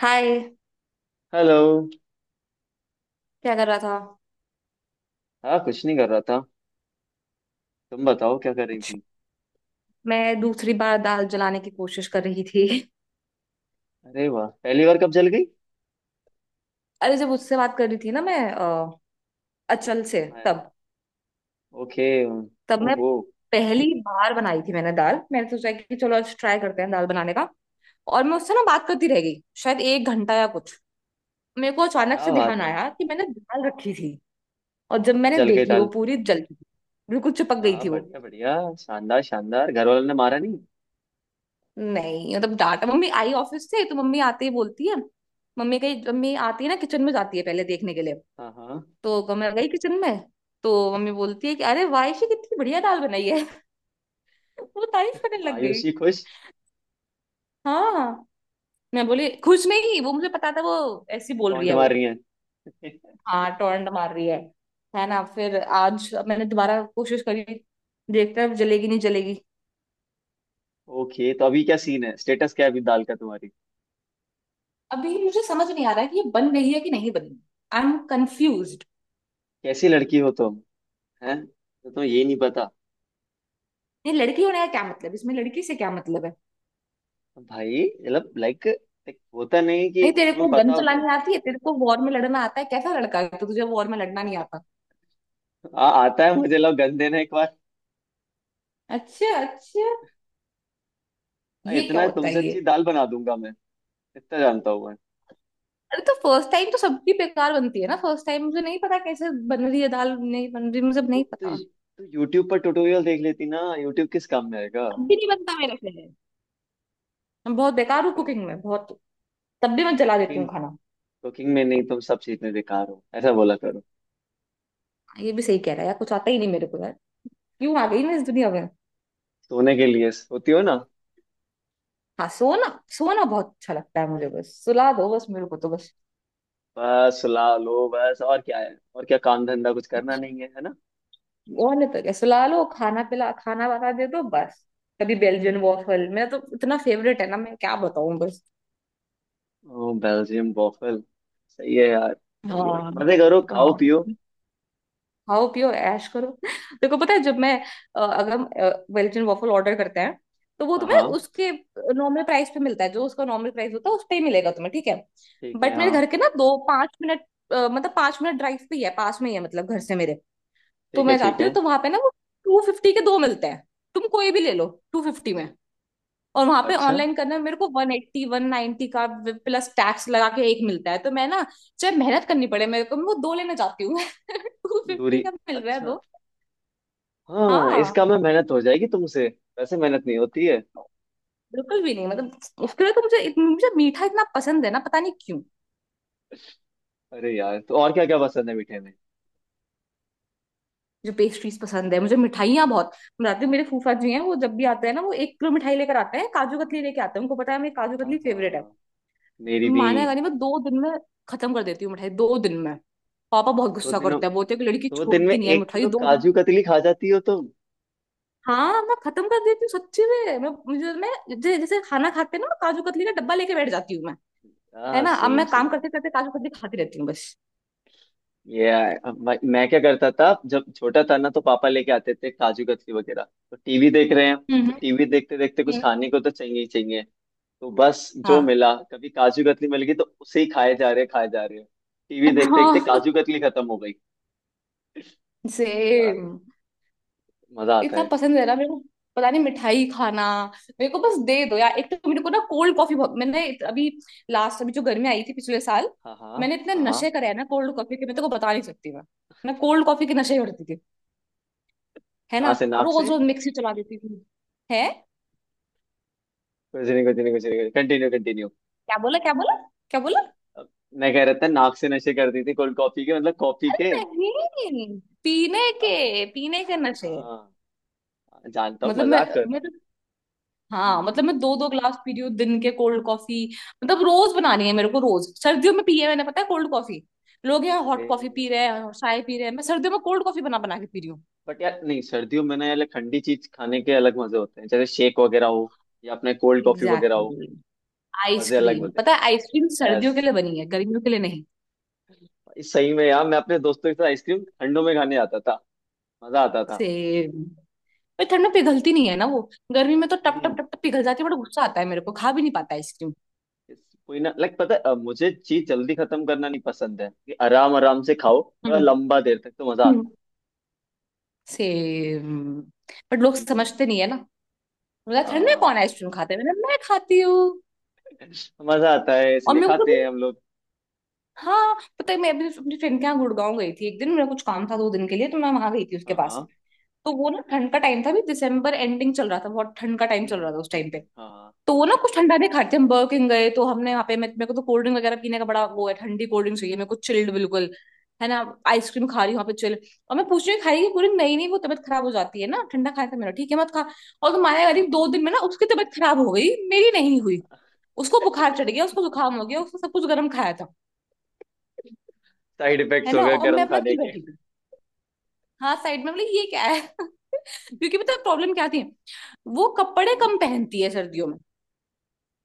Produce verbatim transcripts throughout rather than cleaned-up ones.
हाय। Hello. क्या कर रहा था? हाँ, कुछ नहीं कर रहा था। तुम बताओ क्या कर रही अच्छा, थी। मैं दूसरी बार दाल जलाने की कोशिश कर रही थी। अरे वाह, पहली बार कब जल गई? अरे, जब उससे बात कर रही थी ना मैं अ, अचल से, मैं? तब ओके, तब मैं ओहो। पहली बार बनाई थी मैंने दाल। मैंने सोचा कि चलो आज ट्राई करते हैं दाल बनाने का। और मैं उससे ना बात करती रह गई, शायद एक घंटा या कुछ। मेरे को अचानक क्या से बात ध्यान है। आया कि मैंने दाल रखी थी। और जब और मैंने जल गई देखी वो दाल। पूरी जल गई थी। बिल्कुल चिपक हाँ गई हाँ, थी वो। बढ़िया बढ़िया। शानदार शानदार, घर वालों ने मारा नहीं? नहीं, मतलब डांटा। मम्मी आई ऑफिस से तो मम्मी आते ही बोलती है। मम्मी कही मम्मी आती है ना किचन में, जाती है पहले देखने के लिए। हाँ हाँ। तो क- मैं गई किचन में। तो मम्मी बोलती है कि अरे वायशी, कितनी बढ़िया दाल बनाई है। वो तारीफ करने लग गई। आयुषी खुश? हाँ। मैं बोली, खुश नहीं, वो मुझे पता था वो ऐसी बोल रही टोंट है मार वो। रही है। हाँ, टोरंट मार रही है है ना? फिर आज मैंने दोबारा कोशिश करी। देखते हैं जलेगी नहीं जलेगी। ओके, तो अभी क्या सीन है? स्टेटस क्या है अभी दाल का तुम्हारी? अभी मुझे समझ नहीं आ रहा है कि ये बन गई है कि नहीं बनी। I am confuse. कैसी लड़की हो तुम। हैं? तो तुम्हें ये नहीं पता? ये लड़की होने का क्या मतलब? इसमें लड़की से क्या मतलब है? भाई मतलब लाइक, होता नहीं कि नहीं, तेरे तुम्हें को गन पता होता है। चलानी आती है? तेरे को वॉर में लड़ना आता है? कैसा लड़का है तो तुझे वॉर में लड़ना नहीं आता। आ, आता है मुझे। लोग गंदे ना एक। अच्छा, अच्छा। हाँ, ये क्या इतना है होता है तुमसे अच्छी ये? दाल बना दूंगा मैं। इतना जानता हूँ मैं। अरे तो फर्स्ट टाइम तो सबकी बेकार बनती है ना? फर्स्ट टाइम मुझे नहीं पता कैसे बन रही है दाल, नहीं बन रही, मुझे तो नहीं तो, पता। तो यूट्यूब पर ट्यूटोरियल देख लेती ना। यूट्यूब किस काम में आएगा। तब भी नहीं बनता मेरे से। मैं बहुत बेकार हूँ कुकिंग में, बहुत। तब भी मैं जला देती हूँ कुकिंग? खाना। कुकिंग में नहीं, तुम सब सीखने बेकार हो ऐसा बोला करो। हाँ, ये भी सही कह रहा है यार, कुछ आता ही नहीं मेरे को यार। क्यों आ गई मैं इस दुनिया में? सोने के लिए सोती हो ना? हाँ, सोना। सोना बहुत अच्छा लगता है मुझे, बस सुला दो बस मेरे को, तो बस। बस सुला लो बस, और क्या है? और क्या काम धंधा कुछ करना नहीं है, है ना। और नहीं तो क्या, सुला लो, खाना पिला, खाना बना दे दो बस। कभी बेल्जियन वॉफल, मेरा तो इतना फेवरेट है ना, मैं क्या बताऊं बस। ओ बेल्जियम बॉफल। सही है यार, सही है। हाँ। मजे करो, खाओ हाँ पियो। खाओ पियो ऐश करो। देखो पता है, जब मैं अ, अगर बेल्जियन वॉफल ऑर्डर करते हैं, तो वो हाँ तुम्हें हाँ, उसके नॉर्मल प्राइस पे मिलता है, जो उसका नॉर्मल प्राइस होता है उस पे ही मिलेगा तुम्हें, ठीक है। ठीक है। बट मेरे हाँ, घर के ना दो पांच मिनट, अ, मतलब पांच मिनट ड्राइव पे ही है, पास में ही है, मतलब घर से मेरे। तो ठीक है मैं ठीक जाती है। हूँ तो वहां पे ना वो टू फिफ्टी के दो मिलते हैं। तुम कोई भी ले लो टू फिफ्टी में। और वहां पे अच्छा। ऑनलाइन करने में मेरे को वन एट्टी वन नाइन्टी का प्लस टैक्स लगा के एक मिलता है। तो मैं ना, चाहे मेहनत करनी पड़े मेरे को, मैं वो दो लेना चाहती हूँ। टू दूरी? फिफ्टी का मिल रहा है अच्छा। दो। हाँ, हाँ। इसका में मेहनत हो जाएगी तुमसे। वैसे मेहनत नहीं होती है। बिल्कुल भी नहीं, मतलब उसके लिए तो मुझे इत- मुझे मीठा इतना पसंद है ना, पता नहीं क्यों। अरे यार, तो और क्या क्या पसंद है मीठे में? मुझे पेस्ट्रीज पसंद है, मुझे मिठाइयाँ बहुत। रात में मेरे फूफा जी हैं, वो जब भी आते हैं ना, वो एक किलो मिठाई लेकर आते हैं, काजू कतली लेके आते हैं, उनको पता है मेरी काजू हाँ कतली फेवरेट है। हाँ, मेरी भी। मानेगा नहीं, मैं दो दिन में खत्म कर देती हूँ मिठाई, दो दिन में। पापा बहुत दो गुस्सा दिनों करते हैं, बोलते हैं कि लड़की दो दिन में छोड़ती नहीं है एक मिठाई किलो दो काजू दिन कतली खा जाती हो तुम? हाँ, मैं खत्म कर देती हूँ सच्ची में। मैं मुझे मैं जै- जैसे खाना खाते ना, मैं काजू कतली का डब्बा लेके बैठ जाती हूँ मैं। है हाँ, ना? अब सेम मैं काम सेम। करते करते काजू कतली खाती रहती हूँ बस। ये, अब मैं मैं क्या करता था जब छोटा था ना, तो पापा लेके आते थे काजू कतली वगैरह। तो टीवी देख रहे हैं, हम्म। तो टीवी देखते देखते कुछ हम्म। खाने को तो चाहिए ही चाहिए। तो बस जो हाँ, मिला, कभी काजू कतली मिल गई तो उसे ही खाए जा रहे खाए जा रहे। टीवी देखते देखते हाँ। काजू कतली खत्म हो गई। यार, सेम। मजा आता इतना है। पसंद है ना मेरे को, पता नहीं, मिठाई खाना। मेरे को बस दे दो यार एक। तो मेरे को ना कोल्ड कॉफी बहुत, मैंने इत- अभी लास्ट, अभी जो गर्मी आई थी पिछले साल, हाँ हाँ मैंने इतने हाँ हाँ। नशे करे हैं ना कोल्ड कॉफी के, मैं तेरे को बता नहीं सकती मैं। मैं कोल्ड कॉफी के नशे करती थी, है ना? कहाँ से? नाक से? रोज रोज मिक्सी चला देती थी। है। कुछ नहीं कुछ नहीं कुछ नहीं, कंटिन्यू कंटिन्यू। क्या बोला? क्या बोला? क्या बोला? मैं कह रहा था नाक से नशे करती थी कोल्ड कॉफी के, मतलब कॉफी के। अरे नहीं, पीने अब के पीने के हाँ नशे। हाँ, जानता हूँ, मतलब मैं मजाक कर। मैं तो, हाँ, हम्म। मतलब मैं दो दो ग्लास पी रही हूँ दिन के कोल्ड कॉफी। मतलब रोज बनानी है मेरे को, रोज सर्दियों में पी है मैंने, पता है, कोल्ड कॉफी। लोग यहाँ हॉट अरे, कॉफी पी रहे हैं और चाय पी रहे हैं, मैं सर्दियों में कोल्ड कॉफी बना बना के पी रही हूँ। बट यार नहीं, सर्दियों में ना यार like ठंडी चीज खाने के अलग मजे होते हैं, जैसे शेक वगैरह हो या अपने कोल्ड कॉफी वगैरह हो। एग्जैक्टली। मजे अलग आइसक्रीम, होते पता है, आइसक्रीम हैं। यस, सर्दियों के लिए बनी है, गर्मियों के लिए नहीं। सही में यार मैं अपने दोस्तों के साथ आइसक्रीम ठंडों में खाने आता था। मजा आता था। सेम। पर ठंड में पिघलती नहीं है ना वो। गर्मी में तो टप टप हम्म। टप टप पिघल जाती है, बड़ा गुस्सा आता है मेरे को, खा भी नहीं पाता आइसक्रीम। Yes, कोई ना, लाइक पता है, अ, मुझे चीज जल्दी खत्म करना नहीं पसंद है, कि आराम आराम से खाओ थोड़ा लंबा देर तक, तो मजा हम्म। आता है। सेम। बट लोग हम्म, समझते नहीं है ना, मतलब ठंड में कौन हाँ। आइसक्रीम खाता है? मैंने मैं खाती हूँ। मजा आता है और इसलिए मेरे को भी। खाते हैं हम लोग। हाँ, पता है, मैं अभी अपनी फ्रेंड के यहाँ गुड़गांव गई थी, एक दिन मेरा कुछ काम था, दो दिन के लिए, तो मैं वहां गई थी उसके हाँ पास। हाँ। तो वो ना, ठंड का टाइम था भी, दिसंबर एंडिंग चल रहा था, बहुत ठंड का टाइम चल हम्म, रहा था उस ठीक टाइम है। पे। हाँ हाँ तो वो ना कुछ ठंडा नहीं खाते थे, हम बर्ger किंग गए, तो हमने वहाँ पे मे- मेरे को तो कोल्ड ड्रिंक वगैरह पीने का बड़ा वो है, ठंडी कोल्ड ड्रिंक चाहिए मेरे को चिल्ड बिल्कुल, है ना? आइसक्रीम खा रही हूँ वहाँ पे चिल। और मैं पूछ रही हूँ, खाई कि पूरी? नहीं नहीं, वो तबीयत खराब हो जाती है ना, ठंडा खाया था मेरा, ठीक है मत खा। और तो माया करी, हाँ दो हाँ। दिन में ना उसकी तबीयत खराब हो गई, मेरी नहीं हुई। उसको बुखार चढ़ गया, उसको जुकाम हो गया, उसको सब कुछ, गर्म खाया था। साइड इफेक्ट्स है हो ना? गए और मैं गर्म अपना खाने चिल के। बैठी थी। हाँ, साइड में बोले ये क्या है। क्योंकि पता प्रॉब्लम क्या थी, वो कपड़े हम्म, कम पहनती है सर्दियों में।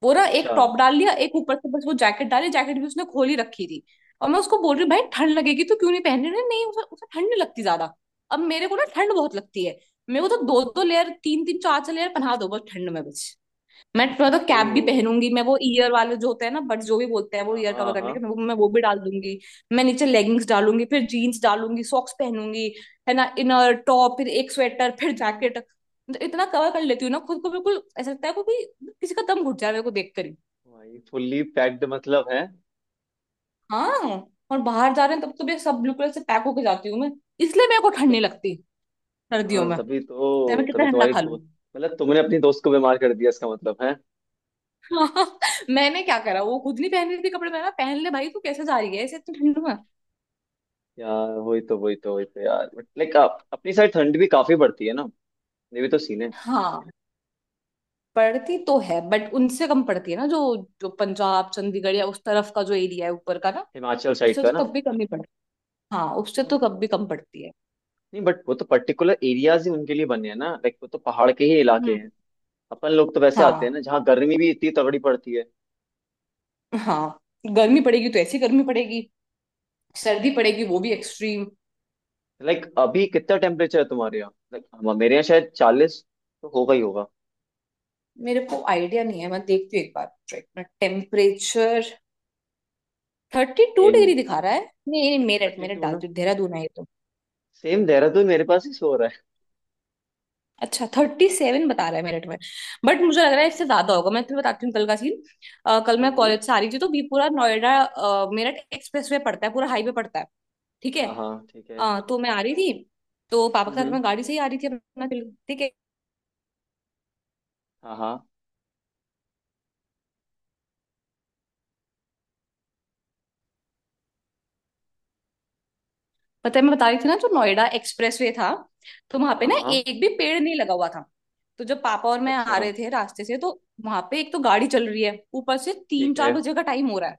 वो ना एक अच्छा। टॉप डाल लिया एक, ऊपर से बस वो जैकेट डाली, जैकेट भी उसने खोली रखी थी। और मैं उसको बोल रही हूँ, भाई ठंड लगेगी, तो क्यों नहीं पहन रही? नहीं, उसे उसे ठंड नहीं लगती ज्यादा। अब मेरे को ना ठंड बहुत लगती है। मेरे को तो दो दो लेयर, तीन तीन, चार चार लेयर पहना दो बस, ठंड में बस। मैं थोड़ा तो ओ, कैप भी पहनूंगी, मैं वो ईयर वाले जो होते हैं ना, बट जो भी बोलते हैं वो, हाँ ईयर कवर हाँ हाँ। करने के, मैं वो मैं वो भी डाल दूंगी। मैं नीचे लेगिंग्स डालूंगी, फिर जीन्स डालूंगी, सॉक्स पहनूंगी। है ना, इनर टॉप, फिर एक स्वेटर, फिर जैकेट, मतलब इतना कवर कर लेती हूँ ना खुद को, बिल्कुल ऐसा लगता है को कि किसी का दम घुट जा रहा है मेरे को देख कर ही। भाई फुल्ली पैक्ड मतलब है हाँ। और बाहर जा रहे हैं तब तो मैं सब ब्लू कलर से पैक होके जाती हूँ मैं, इसलिए मेरे को ठंड तो। नहीं लगती सर्दियों हाँ, में, तभी चाहे तो, मैं तभी कितना ठंडा तुम्हारी खा लूँ। दोस्त। मतलब तुमने अपनी दोस्त को बीमार कर दिया, इसका मतलब। हाँ, मैंने क्या करा, वो खुद नहीं पहन रही थी कपड़े, मैं पहन ले भाई, तू कैसे जा रही है ऐसे इतनी ठंड में। यार वही तो वही तो वही तो यार, बट लाइक आप अपनी साइड ठंड भी काफी पड़ती है ना। ये भी तो सीन है। हाँ, पढ़ती तो है, बट उनसे कम पड़ती है ना, जो जो पंजाब चंडीगढ़ या उस तरफ का जो एरिया है ऊपर का ना, हिमाचल साइड उससे का तो ना। तब भी कम ही पड़ती। हाँ, उससे तो हाँ। कब भी कम पड़ती है। नहीं बट वो तो पर्टिकुलर एरियाज ही उनके लिए बने हैं ना, लाइक वो तो पहाड़ के ही इलाके हम्म। हैं। अपन लोग तो वैसे आते हैं हाँ, ना जहाँ गर्मी भी इतनी तगड़ी पड़ती है। हाँ। गर्मी पड़ेगी तो ऐसी गर्मी पड़ेगी, सर्दी पड़ेगी वो वही भी तो, एक्सट्रीम। लाइक अभी कितना टेम्परेचर है तुम्हारे यहाँ? लाइक हम, मेरे यहाँ शायद चालीस तो होगा ही होगा। मेरे को आइडिया नहीं है, मैं देखती हूँ एक बार, एक minute, temperature. Thirty two in degree दिखा रहा है। नहीं नहीं, मेरठ, थर्टी मेरठ टू डाल, ना? देहरादून है ये तो। सेम, देहरादून मेरे पास ही सो रहा है। अच्छा, थर्टी सेवन बता रहा है मेरिट में। बट मुझे लग रहा है इससे हाँ। ज्यादा होगा। मैं तुम्हें बताती हूँ कल का सीन। अ, कल मैं हम्म। कॉलेज से आ रही थी तो बीपुरा, हाँ हाँ, ठीक है। हम्म हम्म। हाँ हाँ मैं बता रही थी ना जो नोएडा एक्सप्रेस वे था। तो वहां पे हाँ ना हाँ। एक भी पेड़ नहीं लगा हुआ था। तो जब पापा और मैं आ अच्छा, रहे थे रास्ते से, तो वहां पे एक तो गाड़ी चल रही है, ऊपर से तीन ठीक चार है। बजे का टाइम हो रहा है।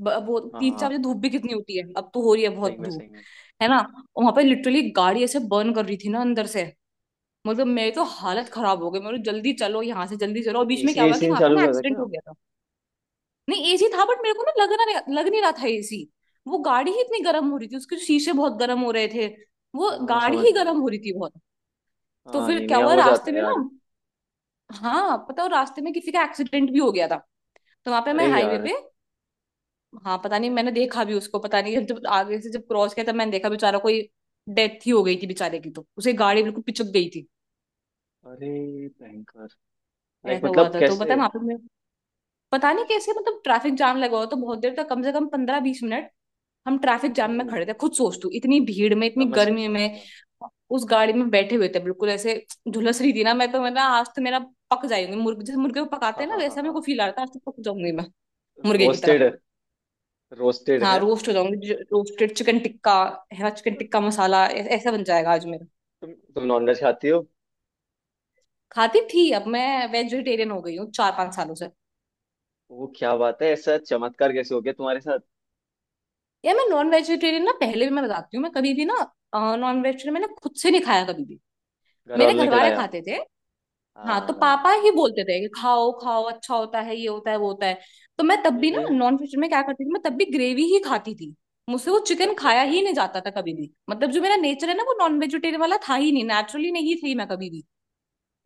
ब- वो हाँ हाँ तीन चार हाँ, बजे धूप भी कितनी होती है, अब तो हो रही है सही बहुत में धूप, सही में। है ना? वहां पे लिटरली गाड़ी ऐसे बर्न कर रही थी ना अंदर से, मतलब मेरी तो हालत अच्छा, खराब हो गई मेरे, जल्दी चलो यहाँ से, जल्दी चलो, और तो बीच में एसी, क्या हुआ कि एसी ने वहां पे चालू ना करा था एक्सीडेंट क्या? हो गया था। नहीं एसी था, बट मेरे को ना लग रहा लग नहीं रहा था एसी। वो गाड़ी ही इतनी गर्म हो रही थी, उसके शीशे बहुत गर्म हो रहे थे। वो हाँ, गाड़ी समझ ही रहा गर्म हूँ। हो रही थी बहुत। तो हाँ, फिर नहीं क्या नहीं, हुआ हो जाता रास्ते है में ना, यार। हाँ पता हो, रास्ते में किसी का एक्सीडेंट भी हो गया था। तो वहां पे मैं अरे हाईवे यार। पे। हाँ, पता नहीं, मैंने देखा भी उसको, पता नहीं, जब आगे से जब क्रॉस किया तब मैंने देखा, बेचारा कोई, डेथ ही हो गई थी बेचारे की, तो उसे गाड़ी बिल्कुल पिचक गई थी। अरे भयंकर, लाइक ऐसा हुआ मतलब था तो पता है कैसे? वहां पे मैं- पता नहीं कैसे, मतलब ट्रैफिक जाम लगा हुआ तो बहुत देर तक कम से कम पंद्रह बीस मिनट हम ट्रैफिक जाम में हम्म, खड़े थे। खुद सोच, तू इतनी भीड़ में, इतनी समझ गया गर्मी समझ में गया। उस गाड़ी में बैठे हुए थे। बिल्कुल ऐसे झुलस रही थी ना। मैं तो मैं ना आज तो मेरा पक जाएंगे मुर्गे जैसे, मुर्गे को पकाते हाँ हैं ना हाँ हाँ वैसा, मेरे हाँ। को फील आ रहा था आज तो पक जाऊंगी मैं मुर्गे की रोस्टेड, तरह। रोस्टेड हाँ, है। रोस्ट हो जाऊंगी, रोस्टेड चिकन टिक्का है ना, चिकन टिक्का मसाला ऐ- ऐसा बन जाएगा आज मेरा। तुम तुम नॉनवेज खाती हो? खाती थी, अब मैं वेजिटेरियन हो गई हूँ चार पांच सालों से। वो क्या बात है? ऐसा चमत्कार कैसे हो गया तुम्हारे साथ? यार मैं नॉन वेजिटेरियन ना, पहले भी मैं बताती हूँ मैं कभी भी ना, नॉन वेजिटेरियन मैंने खुद से नहीं खाया कभी भी। घर मेरे वालों ने घर वाले खिलाया? खाते थे। हाँ हाँ तो हाँ, हाँ, पापा समझ ही गया। बोलते थे कि खाओ खाओ, अच्छा होता है, ये होता है वो होता है। तो मैं तब हम्म भी ना हम्म, नॉन वेज में क्या करती थी, मैं तब भी ग्रेवी ही खाती थी। मुझसे वो चिकन अच्छा खाया ही अच्छा। नहीं जाता था कभी भी। मतलब जो मेरा नेचर है ना, वो नॉन वेजिटेरियन वाला था ही नहीं। नेचुरली नहीं थी मैं कभी भी।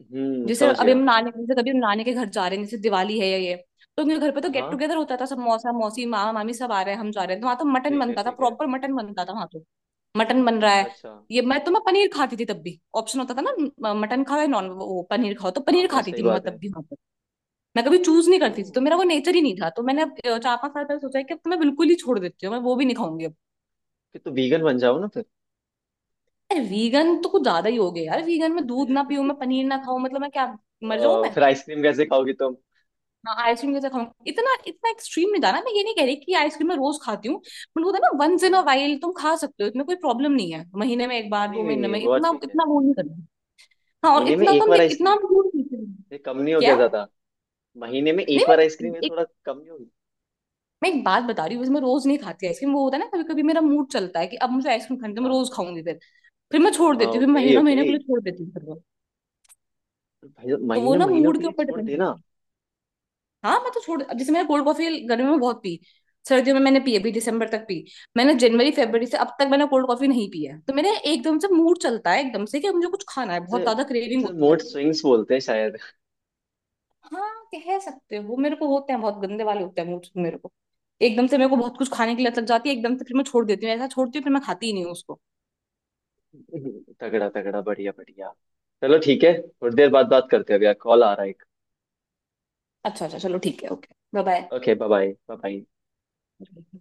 हम्म, जैसे समझ अभी हम गया। नानी, जैसे कभी हम नानी के घर जा रहे हैं, जैसे दिवाली है या ये, तो मेरे घर पे तो हाँ गेट हाँ, टुगेदर होता था। सब मौसा मौसी मामा मामी सब आ रहे हैं, हम जा रहे हैं तो वहां तो मटन ठीक है बनता था, ठीक है। प्रॉपर मटन बनता था वहां तो। मटन बन रहा अच्छा है। अच्छा। ये मैं तो मैं पनीर खाती थी तब भी, ऑप्शन होता था ना म- मटन खाओ या नॉन, वो पनीर खाओ, तो हाँ पनीर हाँ, खाती सही थी मैं बात है। तब भी वहां पर। मैं कभी चूज नहीं ओ, करती थी, तो मेरा वो नेचर ही नहीं था। तो मैंने अब अ, चार पांच साल पहले सोचा है कि अब तो मैं बिल्कुल ही छोड़ देती हूँ, मैं वो भी नहीं खाऊंगी अब। फिर तो वीगन बन जाओ ना फिर। यार वीगन तो कुछ ज्यादा ही हो गया यार। वीगन में दूध ना पीऊं, मैं पनीर ना खाऊं, मतलब मैं क्या मर जाऊं अ, मैं। फिर आइसक्रीम कैसे खाओगी तुम? हाँ, आइसक्रीम कैसे खाऊंगी? इतना इतना एक्सट्रीम नहीं था ना। मैं ये नहीं कह रही कि आइसक्रीम मैं रोज खाती हूँ, बट वो था ना वंस इन अ हाँ, वाइल तुम खा सकते हो, इसमें कोई प्रॉब्लम नहीं है। महीने में एक बार, नहीं दो नहीं महीने नहीं, में, वो इतना ठीक है। इतना वो नहीं करना। हाँ, और महीने में इतना तो एक हम बार देख, इतना आइसक्रीम? हम दूर नहीं थे। ये कम नहीं हो गया क्या? ज्यादा? महीने में नहीं, एक बार मैं आइसक्रीम, ये एक थोड़ा कम नहीं होगी? मैं एक बात बता रही हूँ। वैसे मैं रोज नहीं खाती आइसक्रीम, वो होता है ना कभी कभी मेरा मूड चलता है कि अब मुझे आइसक्रीम खानी है, तो मैं रोज हाँ खाऊंगी फिर। फिर मैं छोड़ हाँ, देती हूँ, फिर ओके महीनों ओके। महीने के लिए छोड़ देती हूँ फिर वो। भाई तो वो महीने, ना महीनों मूड के के लिए ऊपर छोड़ डिपेंड करता देना। है। हाँ मैं तो छोड़, अब जैसे मैंने कोल्ड कॉफी गर्मी में बहुत पी, सर्दियों में मैंने पी, अभी दिसंबर तक पी। मैंने जनवरी फरवरी से अब तक मैंने कोल्ड कॉफी नहीं पी है। तो मेरे एकदम से मूड चलता है एकदम से कि मुझे कुछ खाना है, बहुत उसे ज्यादा क्रेविंग उसे होती है। मूड स्विंग्स बोलते हैं शायद। हाँ, कह सकते हो, मेरे को होते हैं बहुत गंदे वाले होते हैं मूड मेरे को। एकदम से मेरे को बहुत कुछ खाने की लत लग जाती है एकदम से, फिर मैं छोड़ देती हूँ, ऐसा छोड़ती हूँ फिर मैं खाती ही नहीं हूँ उसको। तगड़ा तगड़ा, बढ़िया बढ़िया। चलो ठीक है, थोड़ी देर बाद बात करते हैं, भैया कॉल आ रहा है एक। अच्छा अच्छा, चलो ठीक है, okay bye bye. Okay, bye bye bye.